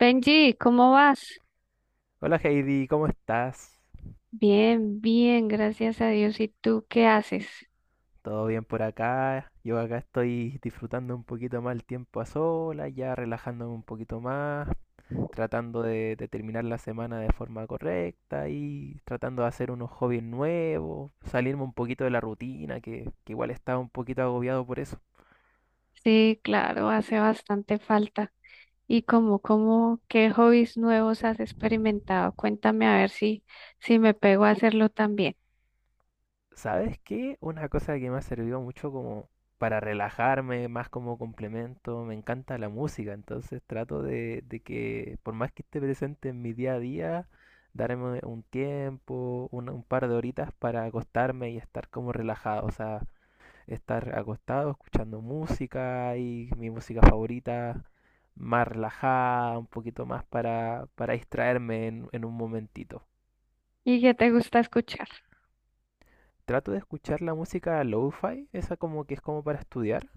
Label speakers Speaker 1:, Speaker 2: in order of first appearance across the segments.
Speaker 1: Benji, ¿cómo vas?
Speaker 2: Hola Heidi, ¿cómo estás?
Speaker 1: Bien, bien, gracias a Dios. ¿Y tú qué haces?
Speaker 2: ¿Todo bien por acá? Yo acá estoy disfrutando un poquito más el tiempo a solas, ya relajándome un poquito más, tratando de terminar la semana de forma correcta y tratando de hacer unos hobbies nuevos, salirme un poquito de la rutina, que igual estaba un poquito agobiado por eso.
Speaker 1: Sí, claro, hace bastante falta. ¿Y qué hobbies nuevos has experimentado? Cuéntame a ver si me pego a hacerlo también.
Speaker 2: ¿Sabes qué? Una cosa que me ha servido mucho como para relajarme, más como complemento, me encanta la música, entonces trato de que por más que esté presente en mi día a día, darme un tiempo, un par de horitas para acostarme y estar como relajado, o sea, estar acostado escuchando música y mi música favorita más relajada, un poquito más para distraerme en un momentito.
Speaker 1: ¿Y qué te gusta escuchar?
Speaker 2: Trato de escuchar la música lo-fi, esa como que es como para estudiar.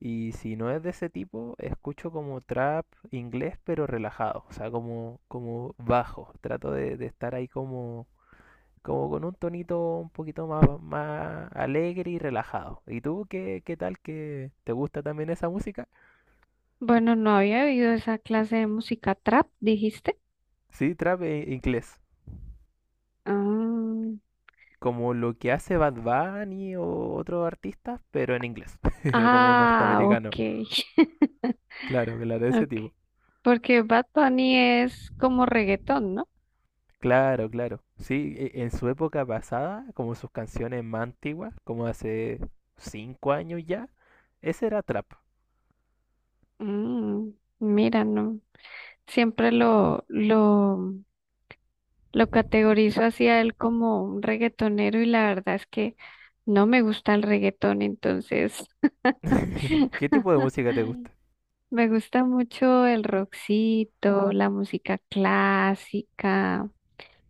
Speaker 2: Y si no es de ese tipo, escucho como trap inglés, pero relajado, o sea, como bajo. Trato de estar ahí como, como con un tonito un poquito más, más alegre y relajado. ¿Y tú qué, qué tal que te gusta también esa música?
Speaker 1: Bueno, no había oído esa clase de música trap, dijiste.
Speaker 2: Sí, inglés,
Speaker 1: Ah,
Speaker 2: como lo que hace Bad Bunny o otros artistas, pero en inglés, como
Speaker 1: ah, ok.
Speaker 2: norteamericano. Claro, claro, de ese
Speaker 1: Ok.
Speaker 2: tipo.
Speaker 1: Porque Bad Bunny es como reggaetón, ¿no?
Speaker 2: Claro, claro. Sí, en su época pasada, como sus canciones más antiguas, como hace 5 años ya, ese era trap.
Speaker 1: Mm, mira, no. Siempre lo categorizo así a él como un reggaetonero y la verdad es que no me gusta el reggaetón, entonces
Speaker 2: ¿Qué tipo de música te gusta?
Speaker 1: me gusta mucho el rockcito, la música clásica,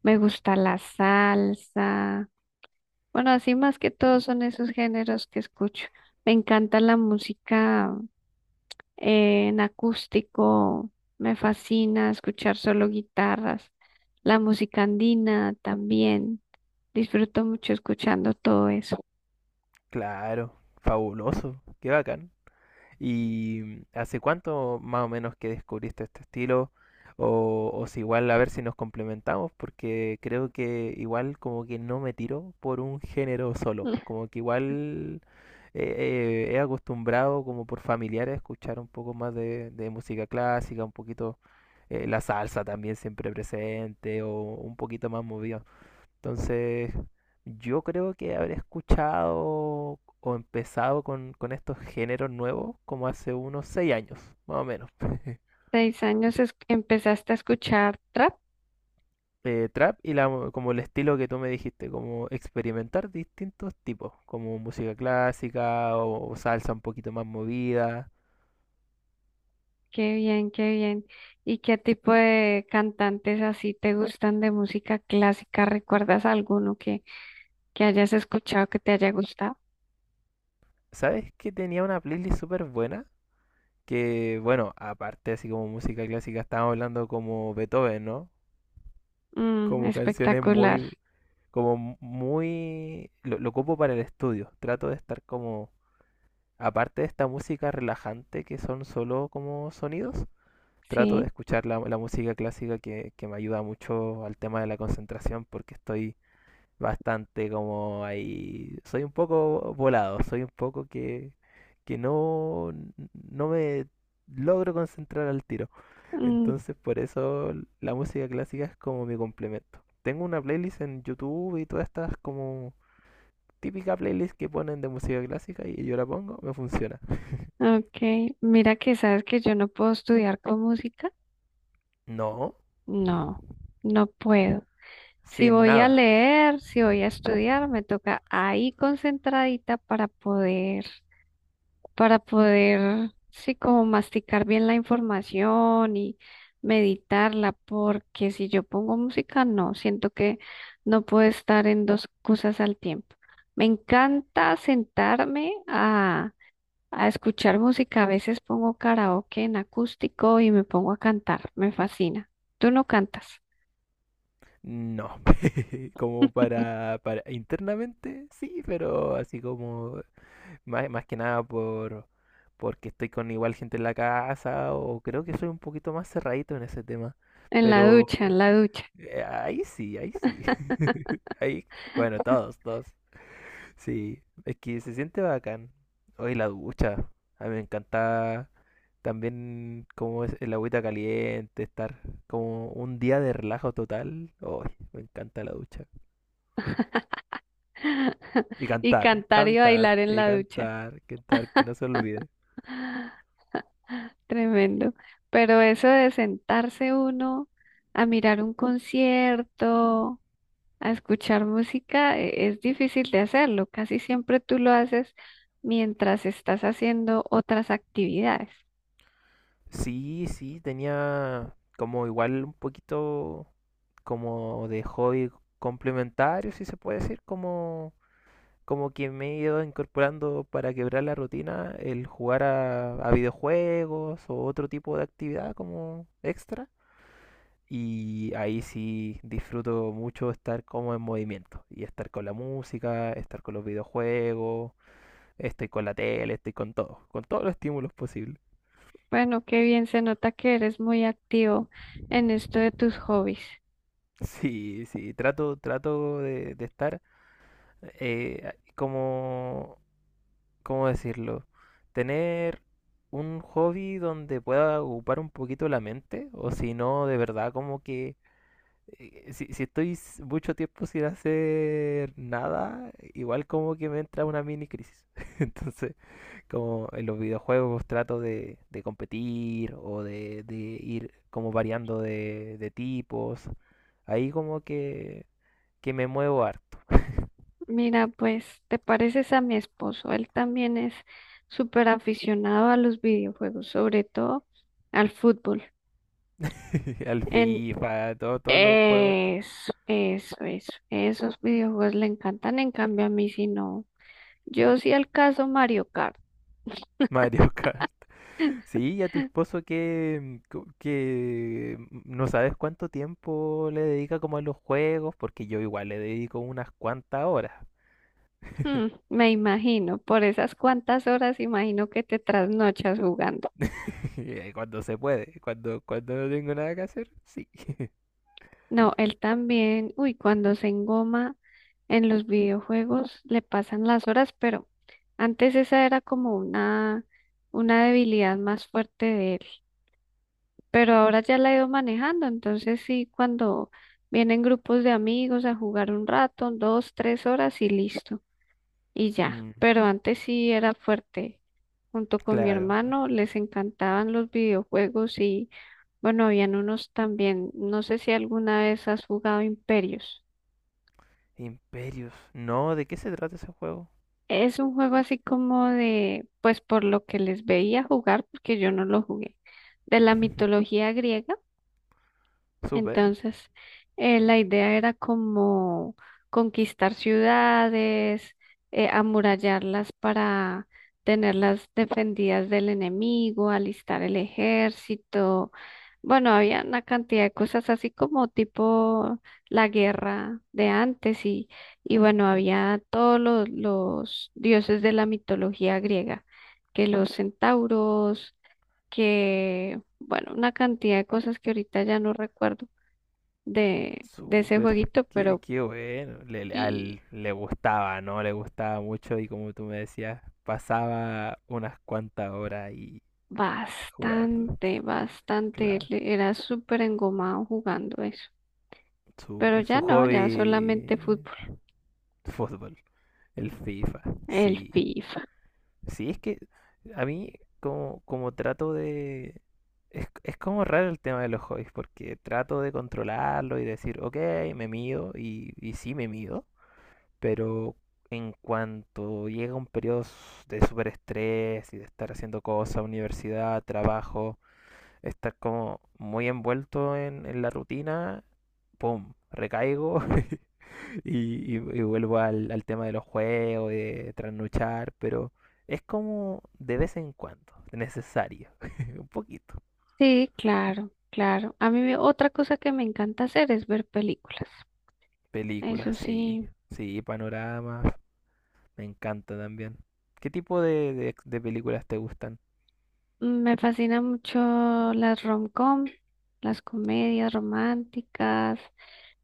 Speaker 1: me gusta la salsa. Bueno, así más que todo son esos géneros que escucho. Me encanta la música en acústico, me fascina escuchar solo guitarras, la música andina también, disfruto mucho escuchando todo eso.
Speaker 2: Claro, fabuloso, qué bacán. ¿Y hace cuánto más o menos que descubriste este estilo? O si igual a ver si nos complementamos, porque creo que igual como que no me tiro por un género solo, como que igual he acostumbrado como por familiares a escuchar un poco más de música clásica, un poquito la salsa también siempre presente o un poquito más movido. Entonces, yo creo que habré escuchado o empezado con estos géneros nuevos como hace unos 6 años, más o menos.
Speaker 1: Seis años empezaste a escuchar trap,
Speaker 2: Eh, trap y la, como el estilo que tú me dijiste, como experimentar distintos tipos, como música clásica o salsa un poquito más movida.
Speaker 1: qué bien, qué bien. ¿Y qué tipo de cantantes así te gustan de música clásica? ¿Recuerdas alguno que hayas escuchado que te haya gustado?
Speaker 2: ¿Sabes que tenía una playlist súper buena? Que bueno, aparte así como música clásica, estábamos hablando como Beethoven, ¿no?
Speaker 1: Mm,
Speaker 2: Como canciones
Speaker 1: espectacular,
Speaker 2: muy, como muy... Lo ocupo para el estudio. Trato de estar como... Aparte de esta música relajante que son solo como sonidos, trato de
Speaker 1: sí.
Speaker 2: escuchar la, la música clásica que me ayuda mucho al tema de la concentración porque estoy bastante como ahí... Soy un poco volado, soy un poco que no me logro concentrar al tiro.
Speaker 1: Mm,
Speaker 2: Entonces por eso la música clásica es como mi complemento. Tengo una playlist en YouTube y todas estas como típica playlist que ponen de música clásica y yo la pongo, me funciona.
Speaker 1: ok, mira que sabes que yo no puedo estudiar con música.
Speaker 2: No,
Speaker 1: No, no puedo. Si
Speaker 2: sin
Speaker 1: voy a
Speaker 2: nada.
Speaker 1: leer, si voy a estudiar, me toca ahí concentradita para poder, sí, como masticar bien la información y meditarla, porque si yo pongo música, no, siento que no puedo estar en dos cosas al tiempo. Me encanta sentarme a escuchar música. A veces pongo karaoke en acústico y me pongo a cantar. Me fascina. ¿Tú no cantas?
Speaker 2: No, como para internamente sí, pero así como más, más que nada por porque estoy con igual gente en la casa o creo que soy un poquito más cerradito en ese tema.
Speaker 1: En la
Speaker 2: Pero
Speaker 1: ducha, en la ducha.
Speaker 2: ahí sí, ahí sí. Ahí, bueno, todos, todos. Sí, es que se siente bacán. Hoy la ducha. A mí me encanta también como es el agüita caliente, estar como un día de relajo total. Oh, me encanta la ducha.
Speaker 1: Y cantar y bailar en
Speaker 2: Y
Speaker 1: la ducha.
Speaker 2: cantar, cantar, que no se olvide.
Speaker 1: Tremendo. Pero eso de sentarse uno a mirar un concierto, a escuchar música, es difícil de hacerlo. Casi siempre tú lo haces mientras estás haciendo otras actividades.
Speaker 2: Sí, sí, tenía como igual un poquito como de hobby complementario, si se puede decir, como, como que me he ido incorporando para quebrar la rutina el jugar a videojuegos o otro tipo de actividad como extra. Y ahí sí disfruto mucho estar como en movimiento y estar con la música, estar con los videojuegos, estoy con la tele, estoy con todo, con todos los estímulos posibles.
Speaker 1: Bueno, qué bien se nota que eres muy activo en esto de tus hobbies.
Speaker 2: Sí, sí, trato de estar, como, ¿cómo decirlo? Tener un hobby donde pueda ocupar un poquito la mente, o si no, de verdad como que si, si estoy mucho tiempo sin hacer nada, igual como que me entra una mini crisis. Entonces, como en los videojuegos trato de competir o de ir como variando de tipos, ahí como que me muevo harto.
Speaker 1: Mira, pues te pareces a mi esposo. Él también es súper aficionado a los videojuegos, sobre todo al fútbol.
Speaker 2: Al
Speaker 1: En
Speaker 2: FIFA, todo, todos los juegos,
Speaker 1: eso. Esos videojuegos le encantan, en cambio a mí sí no. Yo sí al caso Mario Kart.
Speaker 2: Mario Kart. Sí, y a tu esposo que, que no sabes cuánto tiempo le dedica como a los juegos, porque yo igual le dedico unas cuantas horas,
Speaker 1: Mm, me imagino, por esas cuantas horas imagino que te trasnochas jugando.
Speaker 2: cuando se puede, cuando no tengo nada que hacer, sí.
Speaker 1: No, él también, uy, cuando se engoma en los videojuegos le pasan las horas, pero antes esa era como una debilidad más fuerte de él, pero ahora ya la he ido manejando, entonces sí, cuando vienen grupos de amigos a jugar un rato, dos, tres horas y listo, y ya,
Speaker 2: Mm,
Speaker 1: pero antes sí era fuerte. Junto con mi
Speaker 2: claro,
Speaker 1: hermano les encantaban los videojuegos y bueno, habían unos también. No sé si alguna vez has jugado Imperios.
Speaker 2: Imperios, no, ¿de qué se trata ese juego?
Speaker 1: Es un juego así como de, pues por lo que les veía jugar, porque yo no lo jugué, de la mitología griega.
Speaker 2: Súper,
Speaker 1: Entonces, la idea era como conquistar ciudades, amurallarlas para tenerlas defendidas del enemigo, alistar el ejército. Bueno, había una cantidad de cosas así como tipo la guerra de antes y bueno, había todos los dioses de la mitología griega, que los centauros, que, bueno, una cantidad de cosas que ahorita ya no recuerdo de ese
Speaker 2: súper,
Speaker 1: jueguito, pero
Speaker 2: qué bueno,
Speaker 1: y
Speaker 2: le gustaba, ¿no? Le gustaba mucho y como tú me decías, pasaba unas cuantas horas ahí jugando,
Speaker 1: bastante, bastante, él
Speaker 2: claro.
Speaker 1: era súper engomado jugando eso. Pero
Speaker 2: Súper.
Speaker 1: ya
Speaker 2: Su
Speaker 1: no, ya solamente
Speaker 2: hobby,
Speaker 1: fútbol,
Speaker 2: fútbol, el FIFA.
Speaker 1: el
Speaker 2: Sí.
Speaker 1: FIFA.
Speaker 2: Sí, es que a mí como, como trato de... es como raro el tema de los hobbies, porque trato de controlarlo y decir, ok, me mido, y sí me mido, pero en cuanto llega un periodo de súper estrés y de estar haciendo cosas, universidad, trabajo, estar como muy envuelto en la rutina, ¡pum! Recaigo. Y vuelvo al, al tema de los juegos, y de trasnochar, pero es como de vez en cuando, necesario, un poquito.
Speaker 1: Sí, claro, claro. A mí me- otra cosa que me encanta hacer es ver películas. Eso
Speaker 2: Películas, sí,
Speaker 1: sí,
Speaker 2: sí, panoramas, me encanta también. ¿Qué tipo de películas te gustan?
Speaker 1: mm, me fascina mucho las rom-com, las comedias románticas.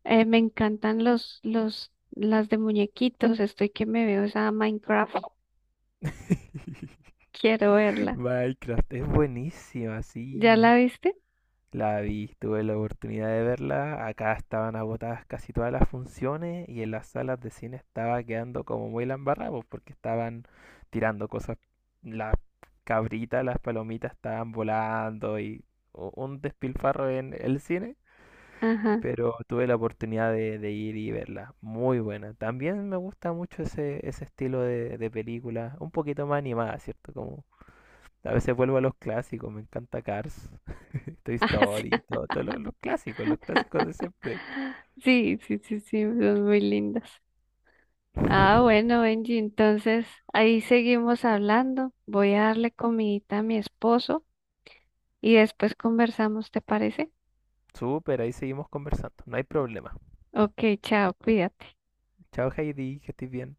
Speaker 1: Me encantan las de muñequitos. Estoy que me veo esa Minecraft. Quiero verla.
Speaker 2: Minecraft, es buenísima,
Speaker 1: ¿Ya
Speaker 2: sí.
Speaker 1: la viste?
Speaker 2: La vi, tuve la oportunidad de verla. Acá estaban agotadas casi todas las funciones y en las salas de cine estaba quedando como muy la embarrada, pues, porque estaban tirando cosas. Las cabritas, las palomitas estaban volando y un despilfarro en el cine.
Speaker 1: Ajá.
Speaker 2: Pero tuve la oportunidad de ir y verla. Muy buena. También me gusta mucho ese, ese estilo de película, un poquito más animada, ¿cierto? Como a veces vuelvo a los clásicos, me encanta Cars, Toy Story, todo, los clásicos de siempre.
Speaker 1: Ah, sí, sí, sí, sí, sí, son muy lindas. Ah, bueno, Benji, entonces ahí seguimos hablando. Voy a darle comidita a mi esposo y después conversamos, ¿te parece?
Speaker 2: Súper, ahí seguimos conversando, no hay problema.
Speaker 1: Ok, chao, cuídate.
Speaker 2: Chao Heidi, que estés bien.